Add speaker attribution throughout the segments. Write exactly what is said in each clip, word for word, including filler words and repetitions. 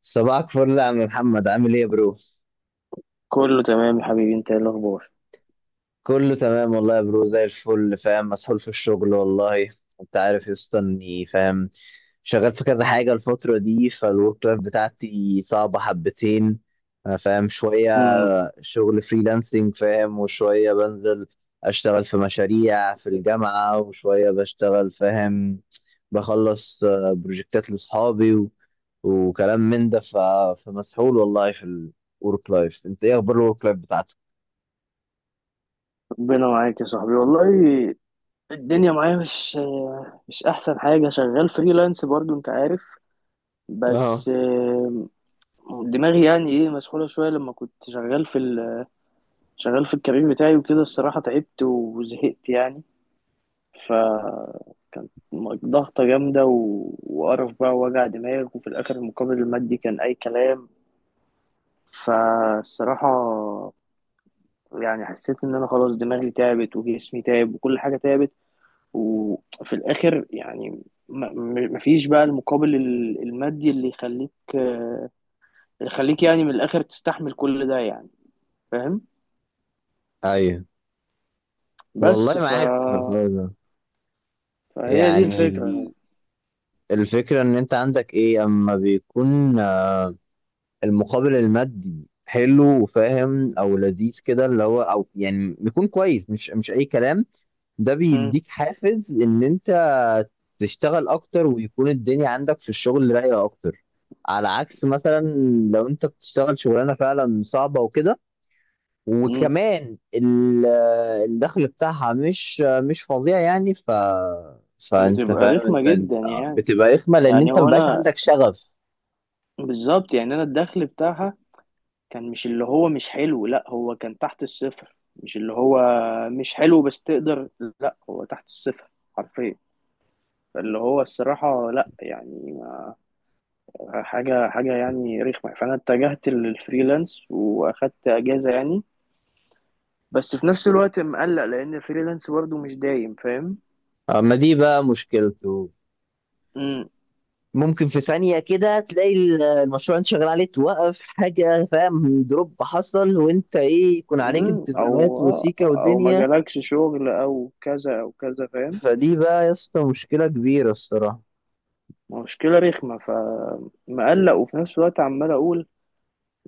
Speaker 1: صباحك فل يا عم محمد، عامل ايه يا برو؟
Speaker 2: كله تمام يا حبيبي، انت ايه الاخبار؟
Speaker 1: كله تمام والله يا برو، زي الفل. فاهم، مسحول في الشغل والله. انت عارف يا اسطى اني فاهم، شغال في كذا حاجه الفتره دي، فالورك لايف بتاعتي صعبه حبتين. انا فاهم شويه
Speaker 2: مم.
Speaker 1: شغل فريلانسنج فاهم، وشويه بنزل اشتغل في مشاريع في الجامعه، وشويه بشتغل فاهم، بخلص آه، بروجكتات لاصحابي وكلام من ده. ف... فمسحول والله في الورك لايف. انت ايه اخبار الورك لايف بتاعتك؟
Speaker 2: ربنا معاك يا صاحبي والله. الدنيا معايا مش مش احسن حاجه. شغال فريلانس برضو انت عارف،
Speaker 1: اه،
Speaker 2: بس آه، دماغي يعني ايه مسحوله شويه لما كنت شغال في ال... شغال في الكارير بتاعي وكده. الصراحه تعبت وزهقت يعني. ف كانت ضغطه جامده و... وقرف بقى ووجع دماغ، وفي الاخر المقابل المادي كان اي كلام. فالصراحه يعني حسيت ان انا خلاص دماغي تعبت وجسمي تعب وكل حاجه تعبت. وفي الاخر يعني ما- م- مفيش بقى المقابل ال- المادي اللي يخليك، آه، يخليك يعني من الاخر تستحمل كل ده يعني، فاهم.
Speaker 1: ايوه.
Speaker 2: بس
Speaker 1: والله
Speaker 2: ف...
Speaker 1: معاك في الحوار ده.
Speaker 2: فهي دي
Speaker 1: يعني
Speaker 2: الفكره.
Speaker 1: الفكرة ان انت عندك ايه اما بيكون المقابل المادي حلو وفاهم او لذيذ كده، اللي هو او يعني بيكون كويس، مش مش اي كلام. ده
Speaker 2: مم.
Speaker 1: بيديك حافز ان انت تشتغل اكتر ويكون الدنيا عندك في الشغل رايقة اكتر. على عكس مثلا لو انت بتشتغل شغلانة فعلا صعبة وكده،
Speaker 2: مم.
Speaker 1: وكمان ال- الدخل بتاعها مش مش فظيع، يعني ف، فانت
Speaker 2: بتبقى
Speaker 1: فاهم،
Speaker 2: رخمه
Speaker 1: انت, انت
Speaker 2: جدا يعني.
Speaker 1: بتبقى رخمه لان
Speaker 2: يعني
Speaker 1: انت
Speaker 2: هو
Speaker 1: مبقاش
Speaker 2: انا
Speaker 1: عندك شغف.
Speaker 2: بالظبط، يعني انا الدخل بتاعها كان مش اللي هو مش حلو. لا، هو كان تحت الصفر، مش اللي هو مش حلو بس تقدر. لا، هو تحت الصفر حرفيا. فاللي هو الصراحة لا، يعني ما- حاجة حاجة يعني رخمة. فأنا اتجهت للفريلانس وأخدت أجازة يعني، بس في نفس الوقت مقلق لأن الفريلانس برضه مش دايم، فاهم.
Speaker 1: اما دي بقى مشكلته،
Speaker 2: مم.
Speaker 1: ممكن في ثانيه كده تلاقي ال- المشروع اللي انت شغال عليه توقف حاجه، فاهم، دروب حصل، وانت ايه، يكون عليك
Speaker 2: مم.
Speaker 1: التزامات
Speaker 2: أو
Speaker 1: وسيكه
Speaker 2: أو ما
Speaker 1: ودنيا.
Speaker 2: جالكش شغل أو كذا أو كذا، فاهم.
Speaker 1: فدي بقى يا اسطى مشكله كبيره الصراحه.
Speaker 2: مشكلة رخمة، فمقلق. وفي نفس الوقت عمال أقول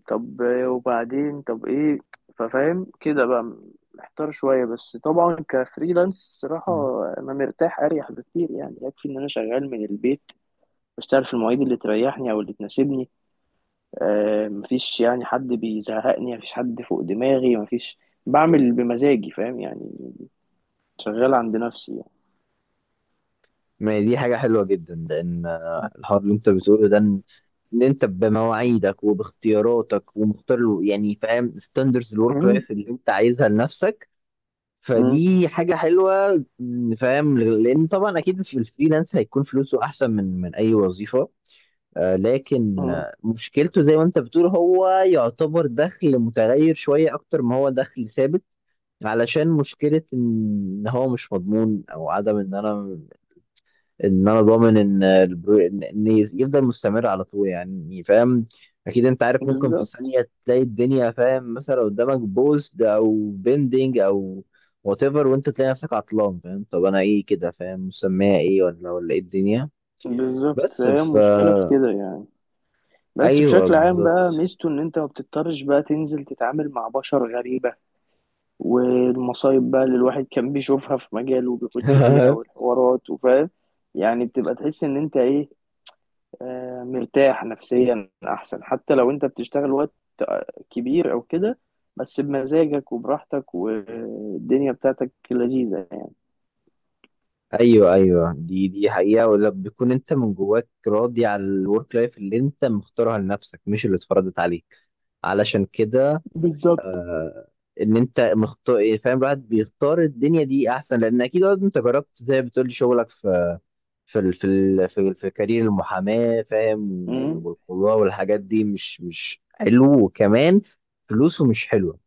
Speaker 2: طب وبعدين، طب ايه؟ ففاهم كده بقى، محتار شوية. بس طبعا كفريلانس صراحة
Speaker 1: مم.
Speaker 2: أنا مرتاح، أريح بكتير يعني. يكفي إن أنا شغال من البيت، بشتغل في المواعيد اللي تريحني أو اللي تناسبني. آه، مفيش يعني حد بيزهقني، مفيش حد فوق دماغي، مفيش. بعمل بمزاجي، فاهم يعني. شغال عند نفسي يعني.
Speaker 1: ما هي دي حاجه حلوه جدا، لان الحوار اللي انت بتقوله ده، ان انت بمواعيدك وباختياراتك ومختار له- يعني فاهم ستاندرز الورك
Speaker 2: مم.
Speaker 1: لايف اللي انت عايزها لنفسك.
Speaker 2: مم.
Speaker 1: فدي حاجة حلوة، م، فاهم، لأن طبعا أكيد في الفريلانس هيكون فلوسه أحسن من من أي وظيفة. آه، لكن
Speaker 2: مم.
Speaker 1: آه، مشكلته زي ما أنت بتقول هو يعتبر دخل متغير شوية أكتر ما هو دخل ثابت. علشان مشكلة إن هو مش مضمون، أو عدم إن أنا، ان انا ضامن ان البرو... ان إن يفضل مستمر على طول يعني فاهم. اكيد انت عارف ممكن في
Speaker 2: بالظبط.
Speaker 1: ثانيه تلاقي الدنيا فاهم، مثلا قدامك بوست او بندنج او وات ايفر، وانت تلاقي نفسك عطلان، فاهم، طب انا ايه كده، فاهم، مسميها ايه، ولا ولا ايه الدنيا.
Speaker 2: بالظبط،
Speaker 1: بس
Speaker 2: فهي
Speaker 1: ف
Speaker 2: المشكلة في كده يعني. بس
Speaker 1: ايوه
Speaker 2: بشكل عام بقى
Speaker 1: بالظبط.
Speaker 2: ميزته ان انت ما بتضطرش بقى تنزل تتعامل مع بشر غريبة، والمصايب بقى اللي الواحد كان بيشوفها في مجاله وبيخش فيها والحوارات وفاهم يعني. بتبقى تحس ان انت ايه، آه، مرتاح نفسيا احسن. حتى لو انت بتشتغل وقت آه، كبير او كده، بس بمزاجك وبراحتك والدنيا بتاعتك لذيذة يعني.
Speaker 1: ايوه ايوه، دي دي حقيقه، ولا بيكون انت من جواك راضي على الورك لايف اللي انت مختارها لنفسك مش اللي اتفرضت عليك. علشان كده
Speaker 2: بالظبط.
Speaker 1: ان انت مختار، فاهم، الواحد بيختار الدنيا دي احسن، لان اكيد برضه انت جربت زي ما بتقول شغلك في، في ال- في ال- في, ال- في كارير المحاماه، فاهم،
Speaker 2: مم.
Speaker 1: والقضاء والحاجات دي مش مش حلو، وكمان فلوسه مش حلوه،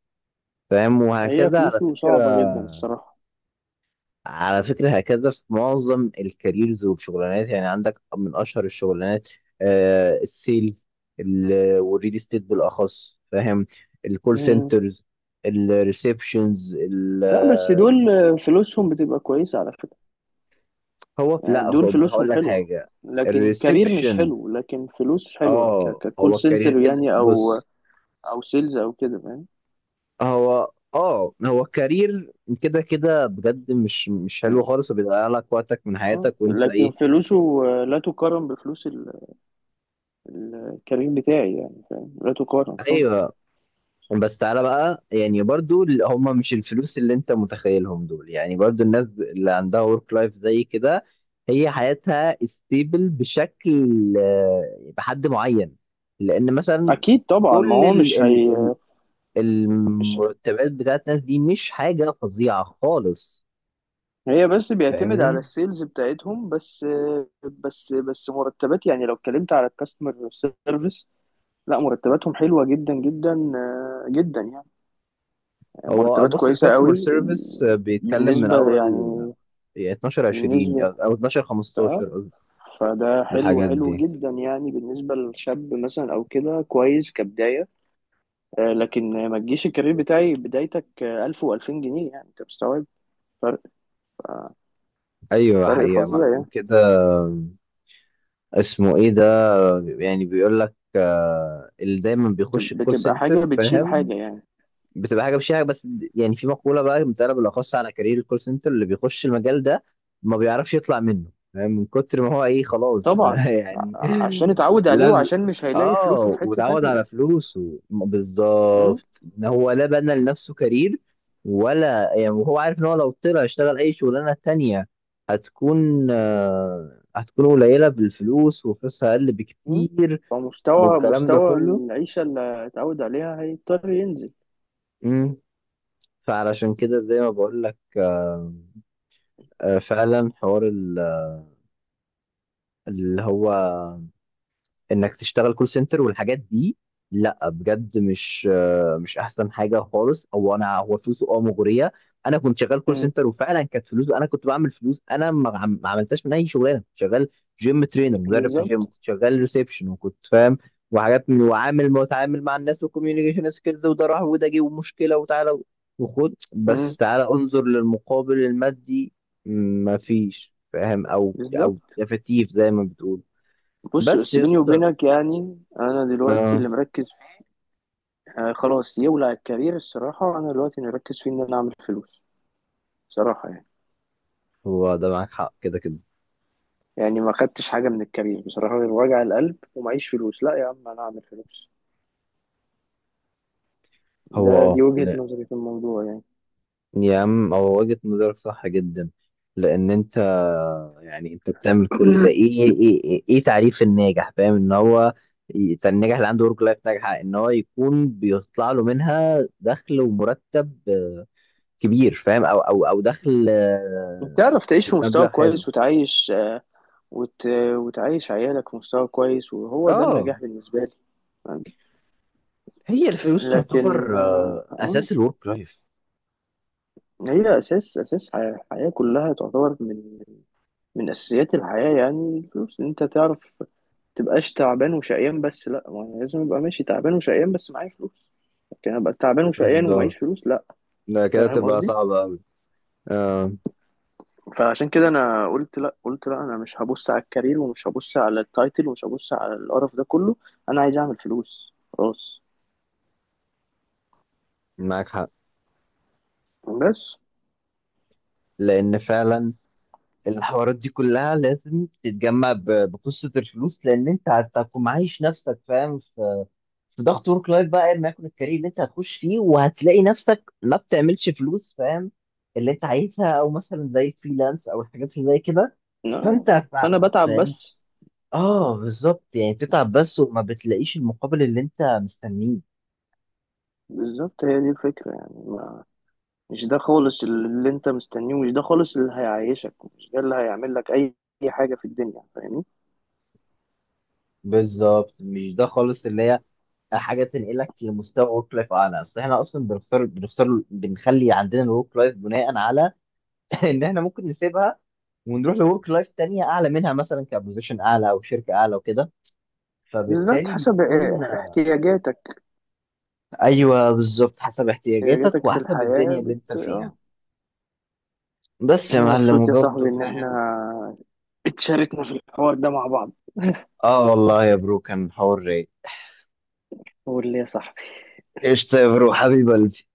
Speaker 1: فاهم،
Speaker 2: هي
Speaker 1: وهكذا. على
Speaker 2: فلوسه
Speaker 1: فكره،
Speaker 2: صعبة جدا الصراحة.
Speaker 1: على فكرة هكذا في معظم الكاريرز والشغلانات. يعني عندك من أشهر الشغلانات آه، السيلز، ال- والريل استيت بالأخص، فاهم، الكول
Speaker 2: مم.
Speaker 1: سنترز، الريسبشنز.
Speaker 2: لا، بس دول آه، فلوسهم بتبقى كويسة على فكرة.
Speaker 1: هو في-
Speaker 2: يعني
Speaker 1: لا
Speaker 2: دول
Speaker 1: خد هقول
Speaker 2: فلوسهم
Speaker 1: لك
Speaker 2: حلوة،
Speaker 1: حاجة.
Speaker 2: لكن كارير مش
Speaker 1: الريسبشن،
Speaker 2: حلو لكن فلوس حلوة. ك...
Speaker 1: اه،
Speaker 2: ككول
Speaker 1: هو كارير
Speaker 2: سنتر
Speaker 1: كده،
Speaker 2: يعني، أو
Speaker 1: بص،
Speaker 2: أو سيلز أو كده فاهم.
Speaker 1: هو اه، هو كارير كده كده بجد مش مش حلو خالص، وبيضيع لك وقتك من
Speaker 2: اه
Speaker 1: حياتك، وانت
Speaker 2: لكن
Speaker 1: ايه.
Speaker 2: فلوسه لا تقارن بفلوس ال- الكارير بتاعي، يعني فاهم، لا تقارن خالص.
Speaker 1: ايوه، بس تعالى بقى يعني، برضو ال- هم مش الفلوس اللي انت متخيلهم دول. يعني برضو الناس اللي عندها ورك لايف زي كده هي حياتها ستيبل بشكل، آه، بحد معين، لان مثلا
Speaker 2: اكيد طبعا، ما
Speaker 1: كل
Speaker 2: هو
Speaker 1: ال
Speaker 2: مش
Speaker 1: ال
Speaker 2: هي
Speaker 1: ال
Speaker 2: مش
Speaker 1: المرتبات بتاعت الناس دي مش حاجة فظيعة خالص،
Speaker 2: هي بس بيعتمد على
Speaker 1: فاهمني.
Speaker 2: السيلز بتاعتهم بس. بس بس مرتبات، يعني لو اتكلمت على الكاستمر سيرفيس، لا مرتباتهم حلوة جدا جدا آه، جدا يعني.
Speaker 1: هو
Speaker 2: مرتبات
Speaker 1: بص،
Speaker 2: كويسة
Speaker 1: الكاستمر
Speaker 2: قوي
Speaker 1: سيرفيس بيتكلم من
Speaker 2: بالنسبة
Speaker 1: اول
Speaker 2: يعني،
Speaker 1: اتناشر عشرين،
Speaker 2: بالنسبة،
Speaker 1: او اتناشر
Speaker 2: اه.
Speaker 1: خمسة عشر قصدي،
Speaker 2: فده حلو
Speaker 1: الحاجات
Speaker 2: حلو
Speaker 1: دي.
Speaker 2: جدا يعني، بالنسبة لشاب مثلا أو كده كويس كبداية. آه، لكن ما تجيش الكارير بتاعي بدايتك ألف وألفين جنيه، يعني أنت مستوعب فرق
Speaker 1: ايوه
Speaker 2: فرق
Speaker 1: حقيقة، ما
Speaker 2: فظيع
Speaker 1: عشان
Speaker 2: يعني.
Speaker 1: كده اسمه ايه ده، يعني بيقول لك آه، اللي دايما بيخش
Speaker 2: بتب-
Speaker 1: الكول
Speaker 2: بتبقى حاجة
Speaker 1: سنتر،
Speaker 2: بتشيل
Speaker 1: فاهم،
Speaker 2: حاجة يعني.
Speaker 1: بتبقى حاجه، مش حاجه بس يعني في مقوله بقى متقاله بالاخص على كارير الكول سنتر، اللي بيخش المجال ده ما بيعرفش يطلع منه، فاهم، من كتر ما هو ايه خلاص
Speaker 2: طبعا،
Speaker 1: يعني.
Speaker 2: ع- عشان اتعود عليه
Speaker 1: لازم،
Speaker 2: وعشان مش هيلاقي فلوسه
Speaker 1: اه،
Speaker 2: في حتة
Speaker 1: وتعود على
Speaker 2: تانية.
Speaker 1: فلوسه، م-
Speaker 2: م؟
Speaker 1: بالظبط، ان هو لا بنى لنفسه كارير، ولا يعني، وهو عارف ان هو لو طلع اشتغل اي شغلانه تانية هتكون آه، هتكون قليله بالفلوس وفلوسها اقل
Speaker 2: م؟
Speaker 1: بكتير،
Speaker 2: فمستوى
Speaker 1: والكلام ده
Speaker 2: مستوى
Speaker 1: كله.
Speaker 2: العيشة اللي اتعود عليها هيضطر ينزل.
Speaker 1: امم، فعلشان كده زي ما بقول لك، آه، آه، فعلا حوار ال- اللي هو انك تشتغل كول سنتر والحاجات دي، لا بجد مش آه، مش احسن حاجه خالص. او انا هو فلوسه اه مغريه، انا كنت شغال كول
Speaker 2: م.
Speaker 1: سنتر وفعلا كانت فلوسه، انا كنت بعمل فلوس انا ما عم- ما عملتهاش من اي شغلانه كنت شغال. جيم ترينر، مدرب في جيم،
Speaker 2: بالظبط.
Speaker 1: كنت شغال ريسبشن، وكنت فاهم وحاجات من، وعامل متعامل مع الناس وكوميونيكيشن سكيلز، وده راح وده جه ومشكله وتعالى وخد، بس تعالى انظر للمقابل المادي، ما فيش فاهم، او
Speaker 2: بالظبط،
Speaker 1: او تفتيف زي ما بتقول.
Speaker 2: بص.
Speaker 1: بس
Speaker 2: بس بيني
Speaker 1: يس،
Speaker 2: وبينك يعني انا دلوقتي
Speaker 1: اه،
Speaker 2: اللي مركز فيه، آه خلاص يولع الكارير الصراحه. انا دلوقتي اللي مركز فيه ان انا اعمل فلوس، صراحه يعني.
Speaker 1: هو ده معاك حق كده كده.
Speaker 2: يعني ما خدتش حاجه من الكارير بصراحه غير وجع القلب ومعيش فلوس. لا يا عم، انا اعمل فلوس.
Speaker 1: هو
Speaker 2: ده
Speaker 1: اه،
Speaker 2: دي وجهه
Speaker 1: لا،
Speaker 2: نظري في الموضوع يعني.
Speaker 1: يا عم هو وجهة نظرك صح جدا، لان انت، يعني انت بتعمل كل ده ايه ايه ايه, إيه, إيه تعريف الناجح؟ فاهم، ان هو، ي- الناجح اللي عنده ورك لايف ناجحة ان هو يكون بيطلع له منها دخل ومرتب آه، كبير، فاهم، او او او دخل
Speaker 2: انت
Speaker 1: آه،
Speaker 2: تعرف تعيش
Speaker 1: يعني
Speaker 2: في مستوى
Speaker 1: بمبلغ حلو.
Speaker 2: كويس، وتعيش آه، وت... وتعيش عيالك في مستوى كويس، وهو ده
Speaker 1: اه،
Speaker 2: النجاح بالنسبه لي.
Speaker 1: هي الفلوس
Speaker 2: لكن
Speaker 1: تعتبر
Speaker 2: آه،
Speaker 1: آه،
Speaker 2: آه،
Speaker 1: اساس الورك لايف.
Speaker 2: هي اساس اساس ح- الحياه كلها، تعتبر من من اساسيات الحياه يعني. الفلوس إن انت تعرف تبقاش تعبان وشقيان بس. لا، ما أنا لازم ابقى ماشي تعبان وشقيان بس معايا فلوس. لكن ابقى تعبان وشقيان ومعيش
Speaker 1: بالظبط.
Speaker 2: فلوس، لا.
Speaker 1: لا كده
Speaker 2: فاهم
Speaker 1: تبقى
Speaker 2: قصدي.
Speaker 1: صعبة أوي. آه،
Speaker 2: فعشان كده انا قلت لا، قلت لا، انا مش هبص على الكارير ومش هبص على التايتل ومش هبص على القرف ده كله. انا عايز اعمل فلوس خلاص.
Speaker 1: معاك حق،
Speaker 2: بس.
Speaker 1: لان فعلا الحوارات دي كلها لازم تتجمع ب- بقصه الفلوس، لان انت هتكون معايش نفسك فاهم في في ضغط ورك لايف، بقى ايا ما يكون الكارير اللي انت هتخش فيه، وهتلاقي نفسك ما بتعملش فلوس، فاهم، اللي انت عايزها، او مثلا زي الفريلانس او الحاجات اللي زي كده.
Speaker 2: لا،
Speaker 1: فانت هت-
Speaker 2: فانا بتعب
Speaker 1: فاهم،
Speaker 2: بس.
Speaker 1: اه بالظبط، يعني بتتعب بس وما بتلاقيش المقابل اللي انت مستنيه.
Speaker 2: بالظبط، هي دي الفكرة يعني، ما مش ده خالص اللي انت مستنيه، مش ده خالص اللي هيعيشك، مش ده اللي هيعمل لك اي أي حاجة في الدنيا، فاهمني.
Speaker 1: بالظبط، مش ده خالص اللي هي حاجه تنقلك لمستوى ورك لايف اعلى، اصل احنا اصلا بنختار بنختار بنخلي عندنا الورك لايف بناء على ان احنا ممكن نسيبها ونروح لورك لايف تانية اعلى منها، مثلا كبوزيشن اعلى او شركه اعلى وكده،
Speaker 2: بالظبط،
Speaker 1: فبالتالي
Speaker 2: حسب
Speaker 1: بيكون
Speaker 2: إيه- احتياجاتك.
Speaker 1: ايوه بالظبط، حسب احتياجاتك
Speaker 2: احتياجاتك في
Speaker 1: وحسب
Speaker 2: الحياة
Speaker 1: الدنيا اللي انت
Speaker 2: بت...
Speaker 1: فيها.
Speaker 2: اه.
Speaker 1: بس يا
Speaker 2: انا
Speaker 1: معلم،
Speaker 2: مبسوط يا
Speaker 1: وبرضه
Speaker 2: صاحبي ان احنا
Speaker 1: فاهم،
Speaker 2: اتشاركنا في الحوار ده مع بعض.
Speaker 1: اه والله يا برو كان حوار رايق.
Speaker 2: قول لي يا صاحبي.
Speaker 1: قشطة يا برو، حبيبي قلبي.